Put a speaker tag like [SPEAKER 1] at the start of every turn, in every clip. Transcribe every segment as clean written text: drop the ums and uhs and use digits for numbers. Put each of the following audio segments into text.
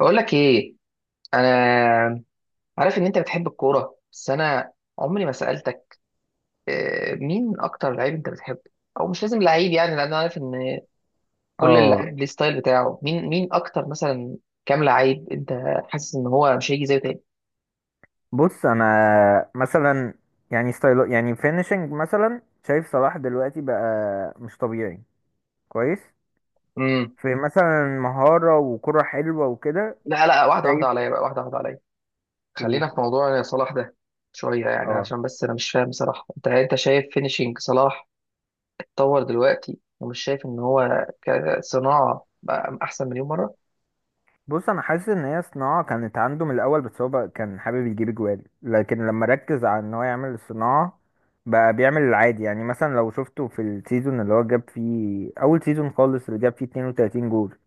[SPEAKER 1] بقول لك ايه. انا عارف ان انت بتحب الكوره، بس انا عمري ما سالتك. مين اكتر لعيب انت بتحبه؟ او مش لازم لعيب يعني، لان انا عارف ان كل
[SPEAKER 2] اه
[SPEAKER 1] اللعيب ليه ستايل بتاعه. مين اكتر، مثلا كام لعيب انت حاسس ان هو مش هيجي زيه تاني؟
[SPEAKER 2] بص، انا مثلا يعني ستايل، يعني فينيشنج مثلا، شايف صلاح دلوقتي بقى مش طبيعي. كويس.
[SPEAKER 1] امم
[SPEAKER 2] في مثلا مهارة وكرة حلوة وكده.
[SPEAKER 1] لا لا، واحده واحده
[SPEAKER 2] شايف
[SPEAKER 1] عليا بقى، واحده واحده عليا.
[SPEAKER 2] و...
[SPEAKER 1] خلينا في موضوع صلاح ده شويه، يعني
[SPEAKER 2] اه
[SPEAKER 1] عشان بس انا مش فاهم صراحه، انت شايف فينيشينج صلاح اتطور دلوقتي ومش شايف ان هو كصناعه بقى احسن مليون مره؟
[SPEAKER 2] بص، انا حاسس ان هي صناعة كانت عنده من الاول، بس هو بقى كان حابب يجيب جوال. لكن لما ركز على ان هو يعمل الصناعة بقى بيعمل العادي. يعني مثلا لو شفته في السيزون اللي هو جاب فيه، اول سيزون خالص اللي جاب فيه 32 جول،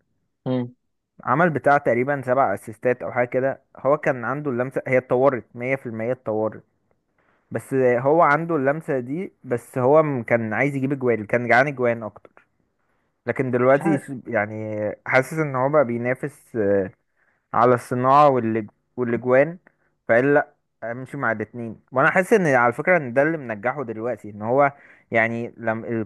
[SPEAKER 1] امم
[SPEAKER 2] عمل بتاع تقريبا سبع اسيستات او حاجه كده. هو كان عنده اللمسه، هي اتطورت 100%، اتطورت. بس هو عنده اللمسه دي. بس كان عايز يجيب اجوان، كان جعان اجوان اكتر. لكن دلوقتي يعني حاسس ان هو بقى بينافس على الصناعه والاجوان، فقال لا، امشي مع الاتنين. وانا حاسس ان، على فكره، ان ده اللي منجحه دلوقتي ان هو، يعني لما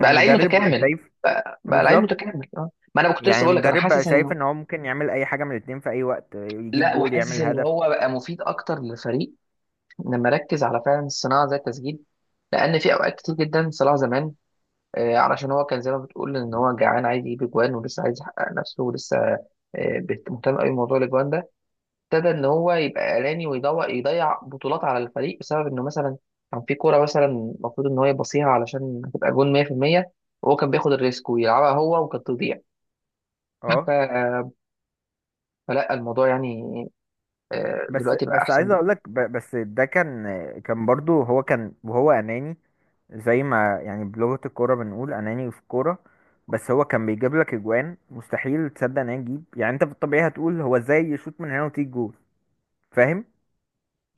[SPEAKER 1] بقى لعيب
[SPEAKER 2] المدرب بقى
[SPEAKER 1] متكامل.
[SPEAKER 2] شايف.
[SPEAKER 1] بقى، لعيب
[SPEAKER 2] بالظبط.
[SPEAKER 1] متكامل، اه. ما انا كنت لسه
[SPEAKER 2] يعني
[SPEAKER 1] بقول لك انا
[SPEAKER 2] المدرب بقى
[SPEAKER 1] حاسس
[SPEAKER 2] شايف
[SPEAKER 1] انه
[SPEAKER 2] ان هو ممكن يعمل اي حاجه من الاتنين في اي وقت، يجيب
[SPEAKER 1] لا،
[SPEAKER 2] جول،
[SPEAKER 1] وحاسس
[SPEAKER 2] يعمل
[SPEAKER 1] ان
[SPEAKER 2] هدف.
[SPEAKER 1] هو بقى مفيد اكتر للفريق لما ركز على فعلا الصناعه زي التسجيل، لان في اوقات كتير جدا صلاح زمان علشان هو كان زي ما بتقول ان هو جعان عايز يجيب اجوان، ولسه عايز يحقق نفسه، ولسه مهتم قوي بموضوع الاجوان ده، ابتدى ان هو يبقى اناني ويضيع، يضيع بطولات على الفريق بسبب انه مثلا كان في كوره مثلا المفروض ان هو يبصيها علشان هتبقى جون 100%، وهو كان بياخد الريسك ويلعبها هو وكانت تضيع.
[SPEAKER 2] اه.
[SPEAKER 1] ف- فلا الموضوع يعني
[SPEAKER 2] بس
[SPEAKER 1] دلوقتي بقى
[SPEAKER 2] بس
[SPEAKER 1] احسن
[SPEAKER 2] عايز اقول
[SPEAKER 1] بكتير.
[SPEAKER 2] لك، بس ده كان، كان برضو هو كان، وهو اناني، زي ما يعني بلغه الكوره بنقول اناني في الكوره. بس هو كان بيجيب لك اجوان مستحيل تصدق ان هي تجيب، يعني انت في الطبيعي هتقول هو ازاي يشوط من هنا وتيجي جول؟ فاهم.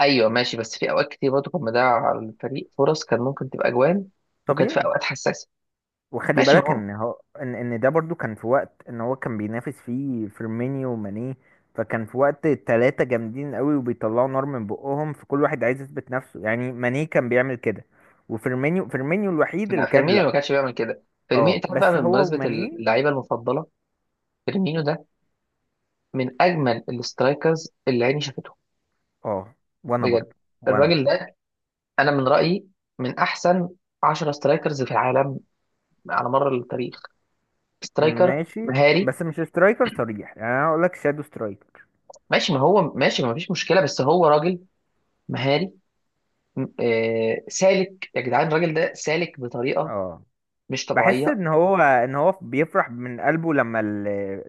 [SPEAKER 1] ايوه ماشي، بس في اوقات كتير برضه كان مضيع على الفريق فرص كان ممكن تبقى اجوان، وكانت في
[SPEAKER 2] طبيعي.
[SPEAKER 1] اوقات حساسه.
[SPEAKER 2] وخلي
[SPEAKER 1] ماشي ما
[SPEAKER 2] بالك
[SPEAKER 1] هو.
[SPEAKER 2] ان هو ان ده برضو كان في وقت ان هو كان بينافس فيه فيرمينيو وماني. فكان في وقت تلاتة جامدين قوي وبيطلعوا نار من بقهم، فكل واحد عايز يثبت نفسه. يعني ماني كان بيعمل كده، وفيرمينيو الوحيد
[SPEAKER 1] لا،
[SPEAKER 2] اللي كان
[SPEAKER 1] فيرمينيو
[SPEAKER 2] لا.
[SPEAKER 1] ما كانش بيعمل كده. فيرمينيو
[SPEAKER 2] اه
[SPEAKER 1] انت عارف بقى،
[SPEAKER 2] بس هو
[SPEAKER 1] بمناسبه
[SPEAKER 2] وماني.
[SPEAKER 1] اللعيبه المفضله، فيرمينيو ده من اجمل الاسترايكرز اللي عيني شافتهم،
[SPEAKER 2] اه. وانا
[SPEAKER 1] بجد.
[SPEAKER 2] برضو. وانا.
[SPEAKER 1] الراجل ده، انا من رايي، من احسن 10 سترايكرز في العالم على مر التاريخ. سترايكر
[SPEAKER 2] ماشي.
[SPEAKER 1] مهاري.
[SPEAKER 2] بس مش سترايكر صريح، يعني انا هقول لك شادو سترايكر.
[SPEAKER 1] ماشي، ما هو ماشي، ما فيش مشكله، بس هو راجل مهاري. سالك يا جدعان، الراجل ده سالك بطريقه
[SPEAKER 2] اه،
[SPEAKER 1] مش
[SPEAKER 2] بحس
[SPEAKER 1] طبيعيه.
[SPEAKER 2] ان هو بيفرح من قلبه لما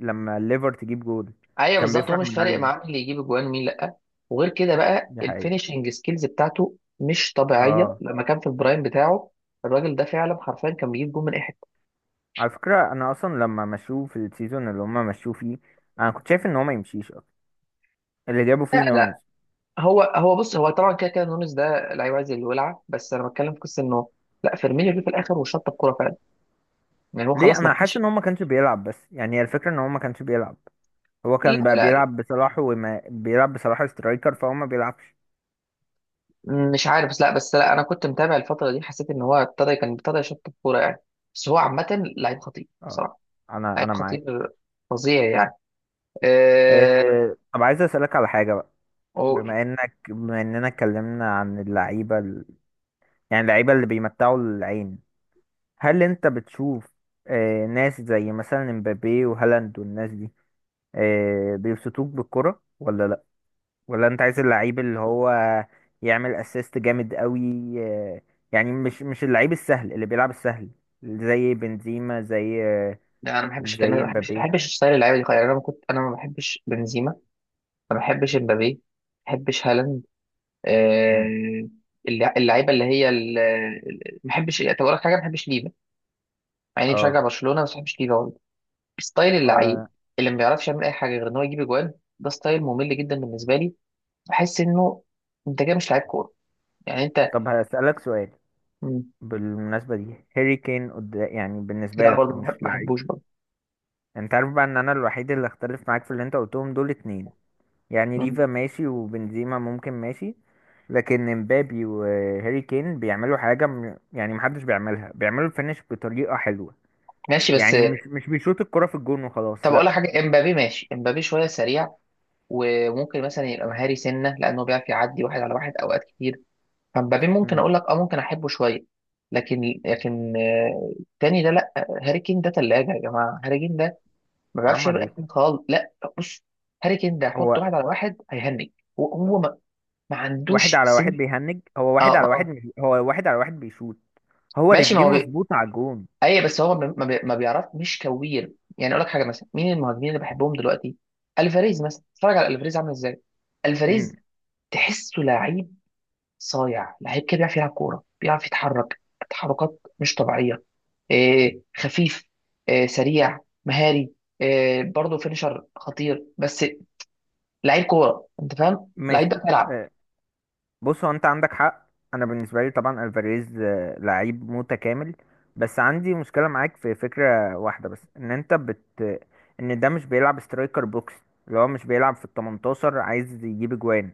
[SPEAKER 2] لما الليفر تجيب جول.
[SPEAKER 1] ايوه
[SPEAKER 2] كان
[SPEAKER 1] بالظبط، هو
[SPEAKER 2] بيفرح
[SPEAKER 1] مش
[SPEAKER 2] من
[SPEAKER 1] فارق
[SPEAKER 2] قلبه.
[SPEAKER 1] معاه مين اللي يجيب اجوان ومين لا. وغير كده بقى
[SPEAKER 2] دي حقيقة.
[SPEAKER 1] الفينشنج سكيلز بتاعته مش طبيعيه
[SPEAKER 2] اه.
[SPEAKER 1] لما كان في البرايم بتاعه. الراجل ده فعلا حرفيا كان بيجيب جون من اي حته.
[SPEAKER 2] على فكرة انا اصلا لما مشوه في السيزون اللي هما مشوه فيه، انا كنت شايف ان هو ما يمشيش اصلا، اللي جابوا
[SPEAKER 1] لا
[SPEAKER 2] فيه
[SPEAKER 1] لا،
[SPEAKER 2] نونز.
[SPEAKER 1] هو بص، هو طبعا كده كده نونز ده لعيب عايز الولعه، بس انا بتكلم في قصه انه لا، فيرمينيو جه في الاخر وشط الكوره فعلا. يعني هو
[SPEAKER 2] ليه؟
[SPEAKER 1] خلاص ما
[SPEAKER 2] انا حاسس
[SPEAKER 1] كانش.
[SPEAKER 2] ان هو ما كانش بيلعب. بس يعني هي الفكرة ان هو ما كانش بيلعب. هو
[SPEAKER 1] لا
[SPEAKER 2] كان بقى
[SPEAKER 1] لا،
[SPEAKER 2] بيلعب بصلاح، وما بيلعب بصلاح سترايكر، فهو ما بيلعبش.
[SPEAKER 1] مش عارف، بس لا، انا كنت متابع الفتره دي، حسيت ان هو ابتدى، كان ابتدى يشط الكوره يعني. بس هو عامه لعيب خطير
[SPEAKER 2] اه.
[SPEAKER 1] بصراحه.
[SPEAKER 2] انا
[SPEAKER 1] لعيب
[SPEAKER 2] معاك.
[SPEAKER 1] خطير، فظيع يعني.
[SPEAKER 2] إيه.
[SPEAKER 1] أه...
[SPEAKER 2] طب عايز اسألك على حاجة بقى.
[SPEAKER 1] أو...
[SPEAKER 2] بما اننا اتكلمنا عن اللعيبة، يعني اللعيبة اللي بيمتعوا العين، هل انت بتشوف إيه؟ ناس زي مثلا مبابي وهالاند والناس دي، بيبسطوك بالكرة ولا لا؟ ولا انت عايز اللعيب اللي هو يعمل اسيست جامد قوي؟ آه، يعني مش اللعيب السهل اللي بيلعب السهل، زي بنزيما، زي
[SPEAKER 1] لا، انا ما بحبش، كان ما
[SPEAKER 2] زي
[SPEAKER 1] بحبش،
[SPEAKER 2] مبابي.
[SPEAKER 1] ستايل اللعيبه دي خالص، يعني انا ما بحبش بنزيما، ما بحبش امبابي، ما بحبش هالاند.
[SPEAKER 2] مم.
[SPEAKER 1] أه... اللعيبه اللي هي ما بحبش، طب اقول لك حاجه، ما بحبش ليفا، مع اني بشجع
[SPEAKER 2] اه،
[SPEAKER 1] برشلونه، بس ما بحبش ليفا برضه. ستايل اللعيب
[SPEAKER 2] آه،
[SPEAKER 1] اللي ما بيعرفش يعمل اي حاجه غير ان هو يجيب اجوان، ده ستايل ممل جدا بالنسبه لي. بحس انه انت كده مش لعيب كوره، يعني انت.
[SPEAKER 2] طب هسألك سؤال.
[SPEAKER 1] مم.
[SPEAKER 2] بالمناسبة دي هاري كين، يعني بالنسبة
[SPEAKER 1] لا
[SPEAKER 2] لك
[SPEAKER 1] برضه،
[SPEAKER 2] مش
[SPEAKER 1] ما
[SPEAKER 2] لعيب؟
[SPEAKER 1] بحبوش برضه.
[SPEAKER 2] انت عارف بقى ان انا الوحيد اللي اختلف معاك في اللي انت قلتهم دول اتنين. يعني
[SPEAKER 1] مم.
[SPEAKER 2] ليفا ماشي، وبنزيما ممكن ماشي، لكن مبابي وهاري كين بيعملوا حاجة يعني محدش بيعملها، بيعملوا الفينش بطريقة حلوة.
[SPEAKER 1] ماشي بس.
[SPEAKER 2] يعني مش بيشوط الكرة في الجون وخلاص،
[SPEAKER 1] طب اقول لك
[SPEAKER 2] لا.
[SPEAKER 1] حاجه، امبابي ماشي، امبابي شويه سريع وممكن مثلا يبقى مهاري سنه لانه بيعرف يعدي واحد على واحد اوقات كتير. فامبابي ممكن
[SPEAKER 2] مم.
[SPEAKER 1] اقول لك اه ممكن احبه شويه. لكن التاني ده لا. هاري كين ده ثلاجه يا جماعه. هاري كين ده ما بيعرفش
[SPEAKER 2] حرام عليك.
[SPEAKER 1] يبقى خالص، لا بص، هاري كين ده حط
[SPEAKER 2] هو
[SPEAKER 1] واحد على واحد هيهنج. هو هو ما, ما
[SPEAKER 2] واحد
[SPEAKER 1] عندوش
[SPEAKER 2] على واحد
[SPEAKER 1] سن.
[SPEAKER 2] بيهنج. هو واحد
[SPEAKER 1] اه
[SPEAKER 2] على واحد،
[SPEAKER 1] اه.
[SPEAKER 2] مش هو واحد على واحد بيشوط، هو
[SPEAKER 1] ماشي ما
[SPEAKER 2] رجليه
[SPEAKER 1] هو.
[SPEAKER 2] مظبوطة على الجون.
[SPEAKER 1] اي بس هو ما بيعرف، مش كوير، يعني اقول لك حاجه، مثلا مين المهاجمين اللي بحبهم دلوقتي؟ الفاريز مثلا، اتفرج على الفاريز عامل ازاي.
[SPEAKER 2] مم.
[SPEAKER 1] الفاريز تحسه لعيب، صايع، لعيب كده بيعرف يلعب كوره، بيعرف يتحرك تحركات مش طبيعيه، إيه خفيف، إيه سريع، مهاري، إيه برضه فينيشر خطير. بس لعيب كوره، انت فاهم، لعيب ده
[SPEAKER 2] ماشي.
[SPEAKER 1] بيلعب.
[SPEAKER 2] بص، هو انت عندك حق. انا بالنسبه لي طبعا الفاريز لعيب متكامل. بس عندي مشكله معاك في فكره واحده بس، ان انت بت ان ده مش بيلعب سترايكر بوكس، اللي هو مش بيلعب في ال 18، عايز يجيب اجوان.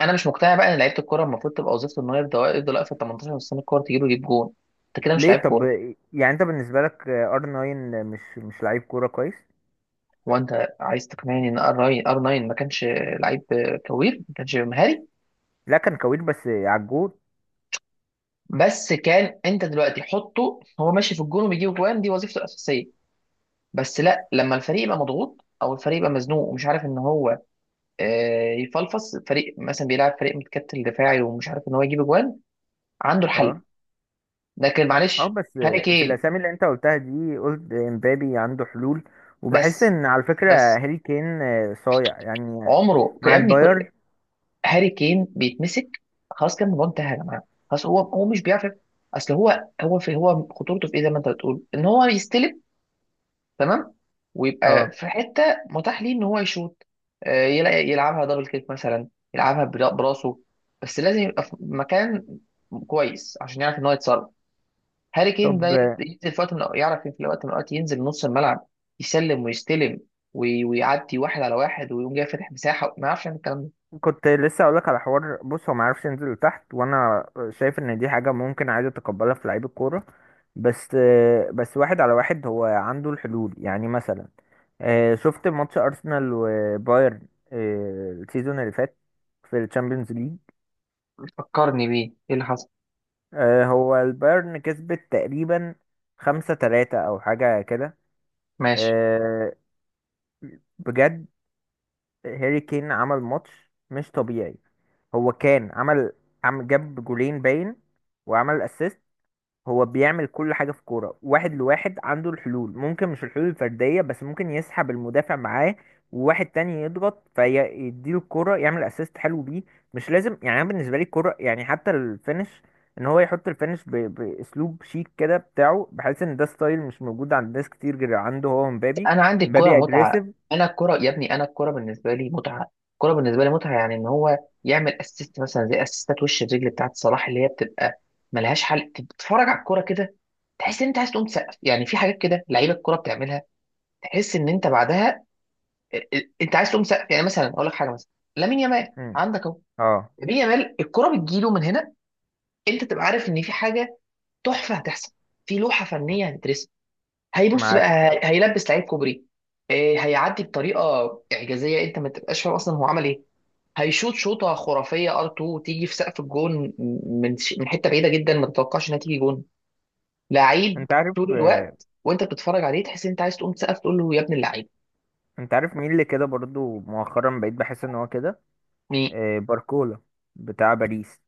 [SPEAKER 1] انا مش مقتنع بقى ان لعيبه الكوره المفروض تبقى وظيفته ان هو يفضل واقف في 18 سنه، الكوره تجيله يجيب جون. انت كده مش لعيب
[SPEAKER 2] ليه طب؟
[SPEAKER 1] كوره.
[SPEAKER 2] يعني انت بالنسبه لك R9 مش لعيب كوره كويس؟
[SPEAKER 1] هو انت عايز تقنعني ان ار 9 ما كانش لعيب كوير، ما كانش مهاري؟
[SPEAKER 2] لا، كان كوير بس على الجول.
[SPEAKER 1] بس كان، انت دلوقتي حطه هو ماشي في الجون وبيجيب جوان، دي وظيفته الاساسيه، بس لا، لما الفريق يبقى مضغوط او الفريق يبقى مزنوق ومش عارف ان هو يفلفص فريق، مثلا بيلعب فريق متكتل دفاعي ومش عارف ان هو يجيب جوان، عنده الحل.
[SPEAKER 2] اه
[SPEAKER 1] لكن
[SPEAKER 2] اه.
[SPEAKER 1] معلش،
[SPEAKER 2] بس
[SPEAKER 1] هاري
[SPEAKER 2] في
[SPEAKER 1] كين
[SPEAKER 2] الاسامي اللي انت قلتها دي، قلت امبابي عنده حلول، وبحس
[SPEAKER 1] بس
[SPEAKER 2] ان، على فكره،
[SPEAKER 1] بس
[SPEAKER 2] هاري كين صايع يعني،
[SPEAKER 1] عمره يا
[SPEAKER 2] مع
[SPEAKER 1] ابني.
[SPEAKER 2] الباير.
[SPEAKER 1] هاري كين بيتمسك. خلاص، كان الموضوع انتهى يا جماعه. خلاص، هو مش بيعرف. اصل هو خطورته في ايه؟ زي ما انت بتقول ان هو يستلم، تمام، ويبقى
[SPEAKER 2] اه.
[SPEAKER 1] في حته متاح ليه ان هو يشوط، يلاقي يلعبها دبل كيك مثلا، يلعبها براسه. بس لازم يبقى في مكان كويس عشان يعرف ان هو يتصرف. هاري كين ده
[SPEAKER 2] طب
[SPEAKER 1] ينزل في وقت من يعرف في وقت من الاوقات ينزل نص الملعب، يسلم ويستلم، ويعدي واحد على واحد ويقوم جاي فاتح مساحه، ما يعرفش يعمل الكلام ده.
[SPEAKER 2] كنت لسه اقولك على حوار. بص، هو ما عرفش ينزل لتحت، وانا شايف ان دي حاجه ممكن عادي اتقبلها في لعيب الكوره. بس بس واحد على واحد هو عنده الحلول. يعني مثلا شفت ماتش ارسنال وبايرن السيزون اللي فات، في الشامبيونز ليج؟
[SPEAKER 1] فكرني بيه ايه اللي حصل.
[SPEAKER 2] هو البايرن كسبت تقريبا 5-3 او حاجه كده.
[SPEAKER 1] ماشي.
[SPEAKER 2] آه، بجد هاري كين عمل ماتش مش طبيعي. هو كان عمل، جاب جولين باين، وعمل اسيست. هو بيعمل كل حاجة في كورة واحد لواحد، عنده الحلول. ممكن مش الحلول الفردية، بس ممكن يسحب المدافع معاه وواحد تاني يضغط، فيديله الكورة، يعمل اسيست حلو بيه. مش لازم يعني. انا بالنسبة لي الكورة يعني حتى الفينش، ان هو يحط الفينش باسلوب شيك كده بتاعه، بحيث ان ده ستايل مش موجود عند ناس كتير غير عنده هو ومبابي.
[SPEAKER 1] انا عندي الكوره
[SPEAKER 2] مبابي
[SPEAKER 1] متعه.
[SPEAKER 2] اجريسيف.
[SPEAKER 1] انا الكوره يا ابني، انا الكوره بالنسبه لي متعه، الكوره بالنسبه لي متعه، يعني ان هو يعمل اسيست مثلا زي اسيستات وش الرجل بتاعت صلاح اللي هي بتبقى ملهاش حل، تتفرج على الكوره كده تحس ان انت عايز تقوم تسقف. يعني في حاجات كده لعيبه الكوره بتعملها تحس ان انت بعدها انت عايز تقوم تسقف. يعني مثلا اقول لك حاجه، مثلا لامين يامال، عندك اهو.
[SPEAKER 2] اه،
[SPEAKER 1] لامين يامال الكوره بتجيله من هنا، انت تبقى عارف ان في حاجه تحفه هتحصل، في لوحه فنيه هتترسم. هيبص بقى،
[SPEAKER 2] معاك الصراحة.
[SPEAKER 1] هيلبس لعيب كوبري، إيه، هيعدي بطريقه اعجازيه انت ما تبقاش فاهم اصلا هو عمل ايه. هيشوط شوطه خرافيه ار 2 تيجي في سقف الجون من من حته بعيده جدا ما تتوقعش انها تيجي جون. لعيب
[SPEAKER 2] انت عارف،
[SPEAKER 1] طول الوقت وانت بتتفرج عليه تحس ان انت عايز تقوم تسقف، تقول له يا ابن اللعيب.
[SPEAKER 2] انت عارف مين اللي كده برضو مؤخرا بقيت بحس ان هو كده؟
[SPEAKER 1] مين؟
[SPEAKER 2] باركولا، بتاع باريس.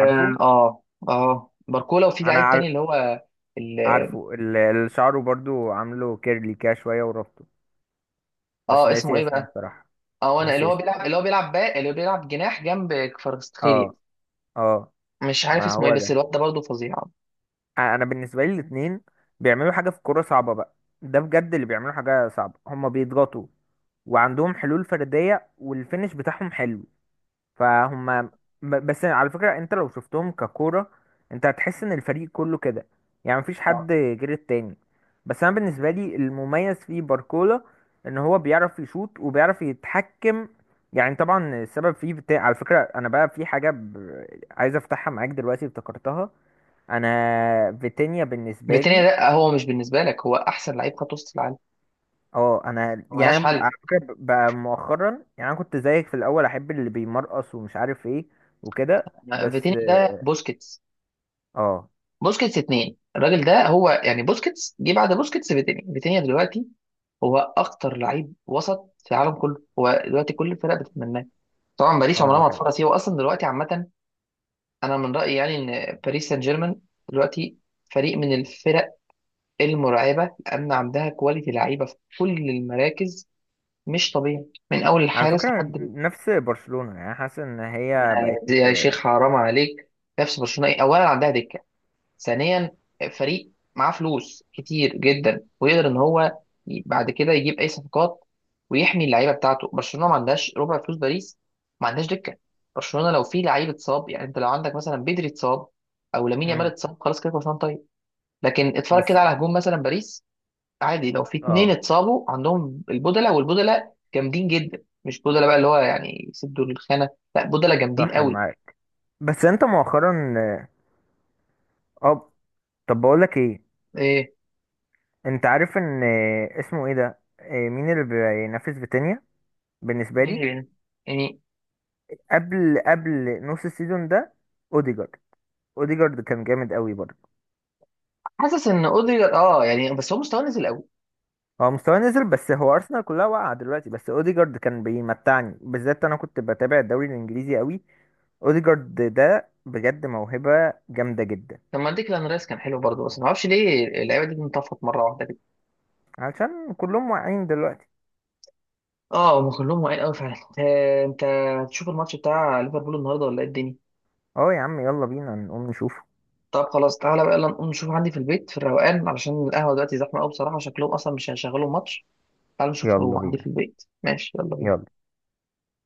[SPEAKER 2] عارفه؟
[SPEAKER 1] اه. باركولا. وفي
[SPEAKER 2] انا
[SPEAKER 1] لعيب تاني
[SPEAKER 2] عار-
[SPEAKER 1] اللي هو ال-
[SPEAKER 2] عارفه اللي شعره برضو عامله كيرلي كده شوية وربطه، بس
[SPEAKER 1] اه، اسمه
[SPEAKER 2] ناسي
[SPEAKER 1] ايه
[SPEAKER 2] اسمه
[SPEAKER 1] بقى؟
[SPEAKER 2] الصراحة.
[SPEAKER 1] اه انا، اللي
[SPEAKER 2] ناسي
[SPEAKER 1] هو
[SPEAKER 2] اسمه.
[SPEAKER 1] بيلعب، اللي هو بيلعب باك، اللي هو بيلعب جناح جنب
[SPEAKER 2] اه
[SPEAKER 1] كفاراتسخيليا.
[SPEAKER 2] اه.
[SPEAKER 1] مش عارف
[SPEAKER 2] ما
[SPEAKER 1] اسمه ايه،
[SPEAKER 2] هو
[SPEAKER 1] بس
[SPEAKER 2] ده.
[SPEAKER 1] الواد ده برضه فظيع.
[SPEAKER 2] انا بالنسبة لي الاتنين بيعملوا حاجة في كورة صعبة بقى. ده بجد اللي بيعملوا حاجة صعبة، هما بيضغطوا وعندهم حلول فردية، والفينش بتاعهم حلو. فهم، بس على فكرة انت لو شفتهم ككورة، انت هتحس ان الفريق كله كده، يعني مفيش حد غير التاني. بس انا بالنسبة لي المميز في باركولا، ان هو بيعرف يشوط وبيعرف يتحكم. يعني طبعا السبب فيه بتاع، على فكرة، انا بقى في حاجة عايز افتحها معاك دلوقتي، افتكرتها. انا فيتينيا بالنسبه
[SPEAKER 1] فيتينيا
[SPEAKER 2] لي.
[SPEAKER 1] ده، هو مش بالنسبه لك هو احسن لعيب خط وسط في العالم،
[SPEAKER 2] اه، انا
[SPEAKER 1] ملهاش
[SPEAKER 2] يعني على
[SPEAKER 1] حل.
[SPEAKER 2] فكره بقى مؤخرا، يعني انا كنت زيك في الاول، احب اللي بيمرقص ومش عارف ايه وكده بس.
[SPEAKER 1] فيتينيا ده بوسكيتس،
[SPEAKER 2] اه
[SPEAKER 1] بوسكيتس اتنين. الراجل ده هو يعني بوسكيتس جه بعد بوسكيتس. فيتينيا، فيتينيا دلوقتي هو اخطر لعيب وسط في العالم كله. هو دلوقتي كل الفرق بتتمناه. طبعا باريس
[SPEAKER 2] اه
[SPEAKER 1] عمرها
[SPEAKER 2] دي
[SPEAKER 1] ما هتفرط
[SPEAKER 2] حقيقة.
[SPEAKER 1] فيه، واصلا دلوقتي عامه انا من رايي يعني ان باريس سان جيرمان دلوقتي فريق من الفرق المرعبه، لان عندها كواليتي لعيبه في كل المراكز مش طبيعي، من اول
[SPEAKER 2] على
[SPEAKER 1] الحارس
[SPEAKER 2] فكرة
[SPEAKER 1] لحد.
[SPEAKER 2] نفس برشلونة، يعني حاسس ان هي بقت
[SPEAKER 1] يا شيخ
[SPEAKER 2] آه،
[SPEAKER 1] حرام عليك. نفس برشلونه ايه؟ اولا عندها دكه، ثانيا فريق معاه فلوس كتير جدا ويقدر ان هو بعد كده يجيب اي صفقات ويحمي اللعيبه بتاعته. برشلونه ما عندهاش ربع فلوس باريس، ما عندهاش دكه. برشلونه لو في لعيب اتصاب، يعني انت لو عندك مثلا بدري اتصاب او لامين يامال
[SPEAKER 2] مم.
[SPEAKER 1] اتصاب، خلاص كده برشلونه طيب. لكن اتفرج
[SPEAKER 2] بس.
[SPEAKER 1] كده على هجوم مثلا باريس، عادي لو في اتنين
[SPEAKER 2] اه،
[SPEAKER 1] اتصابوا عندهم البودلة، والبودلة جامدين جدا، مش بودلة بقى اللي هو يعني يسدوا الخانه، لا بودلة جامدين
[SPEAKER 2] صح
[SPEAKER 1] قوي.
[SPEAKER 2] معاك. بس انت مؤخرا، اه، طب بقولك ايه؟
[SPEAKER 1] إيه.
[SPEAKER 2] انت عارف ان اسمه ايه ده، مين اللي بينافس فيتينيا بالنسبة لي؟
[SPEAKER 1] إيه. يعني،
[SPEAKER 2] قبل نص السيزون ده، اوديجارد. اوديجارد كان جامد قوي برضه.
[SPEAKER 1] حاسس ان اوديجارد اه يعني، بس هو مستواه نزل قوي.
[SPEAKER 2] هو مستواه نزل، بس هو ارسنال كلها واقعه دلوقتي. بس اوديجارد كان بيمتعني، بالذات انا كنت بتابع الدوري الانجليزي قوي. اوديجارد ده بجد موهبه جامده جدا.
[SPEAKER 1] طب ما ديكلان رايس كان حلو برضه، بس ما اعرفش ليه اللعيبه دي انطفت مره واحده كده.
[SPEAKER 2] علشان كلهم واقعين دلوقتي.
[SPEAKER 1] اه، هم كلهم واقعين قوي فعلا. انت تشوف الماتش بتاع ليفربول النهارده ولا ايه الدنيا؟
[SPEAKER 2] اه يا عم، يلا بينا نقوم نشوفه.
[SPEAKER 1] طب خلاص تعالى بقى، يلا نقوم نشوف عندي في البيت في الروقان، علشان القهوه دلوقتي زحمه قوي بصراحه، شكلهم اصلا مش هيشغلوا ماتش. تعالى نشوف
[SPEAKER 2] يلا
[SPEAKER 1] هو عندي في
[SPEAKER 2] بينا.
[SPEAKER 1] البيت، ماشي؟ يلا بينا.
[SPEAKER 2] يلا.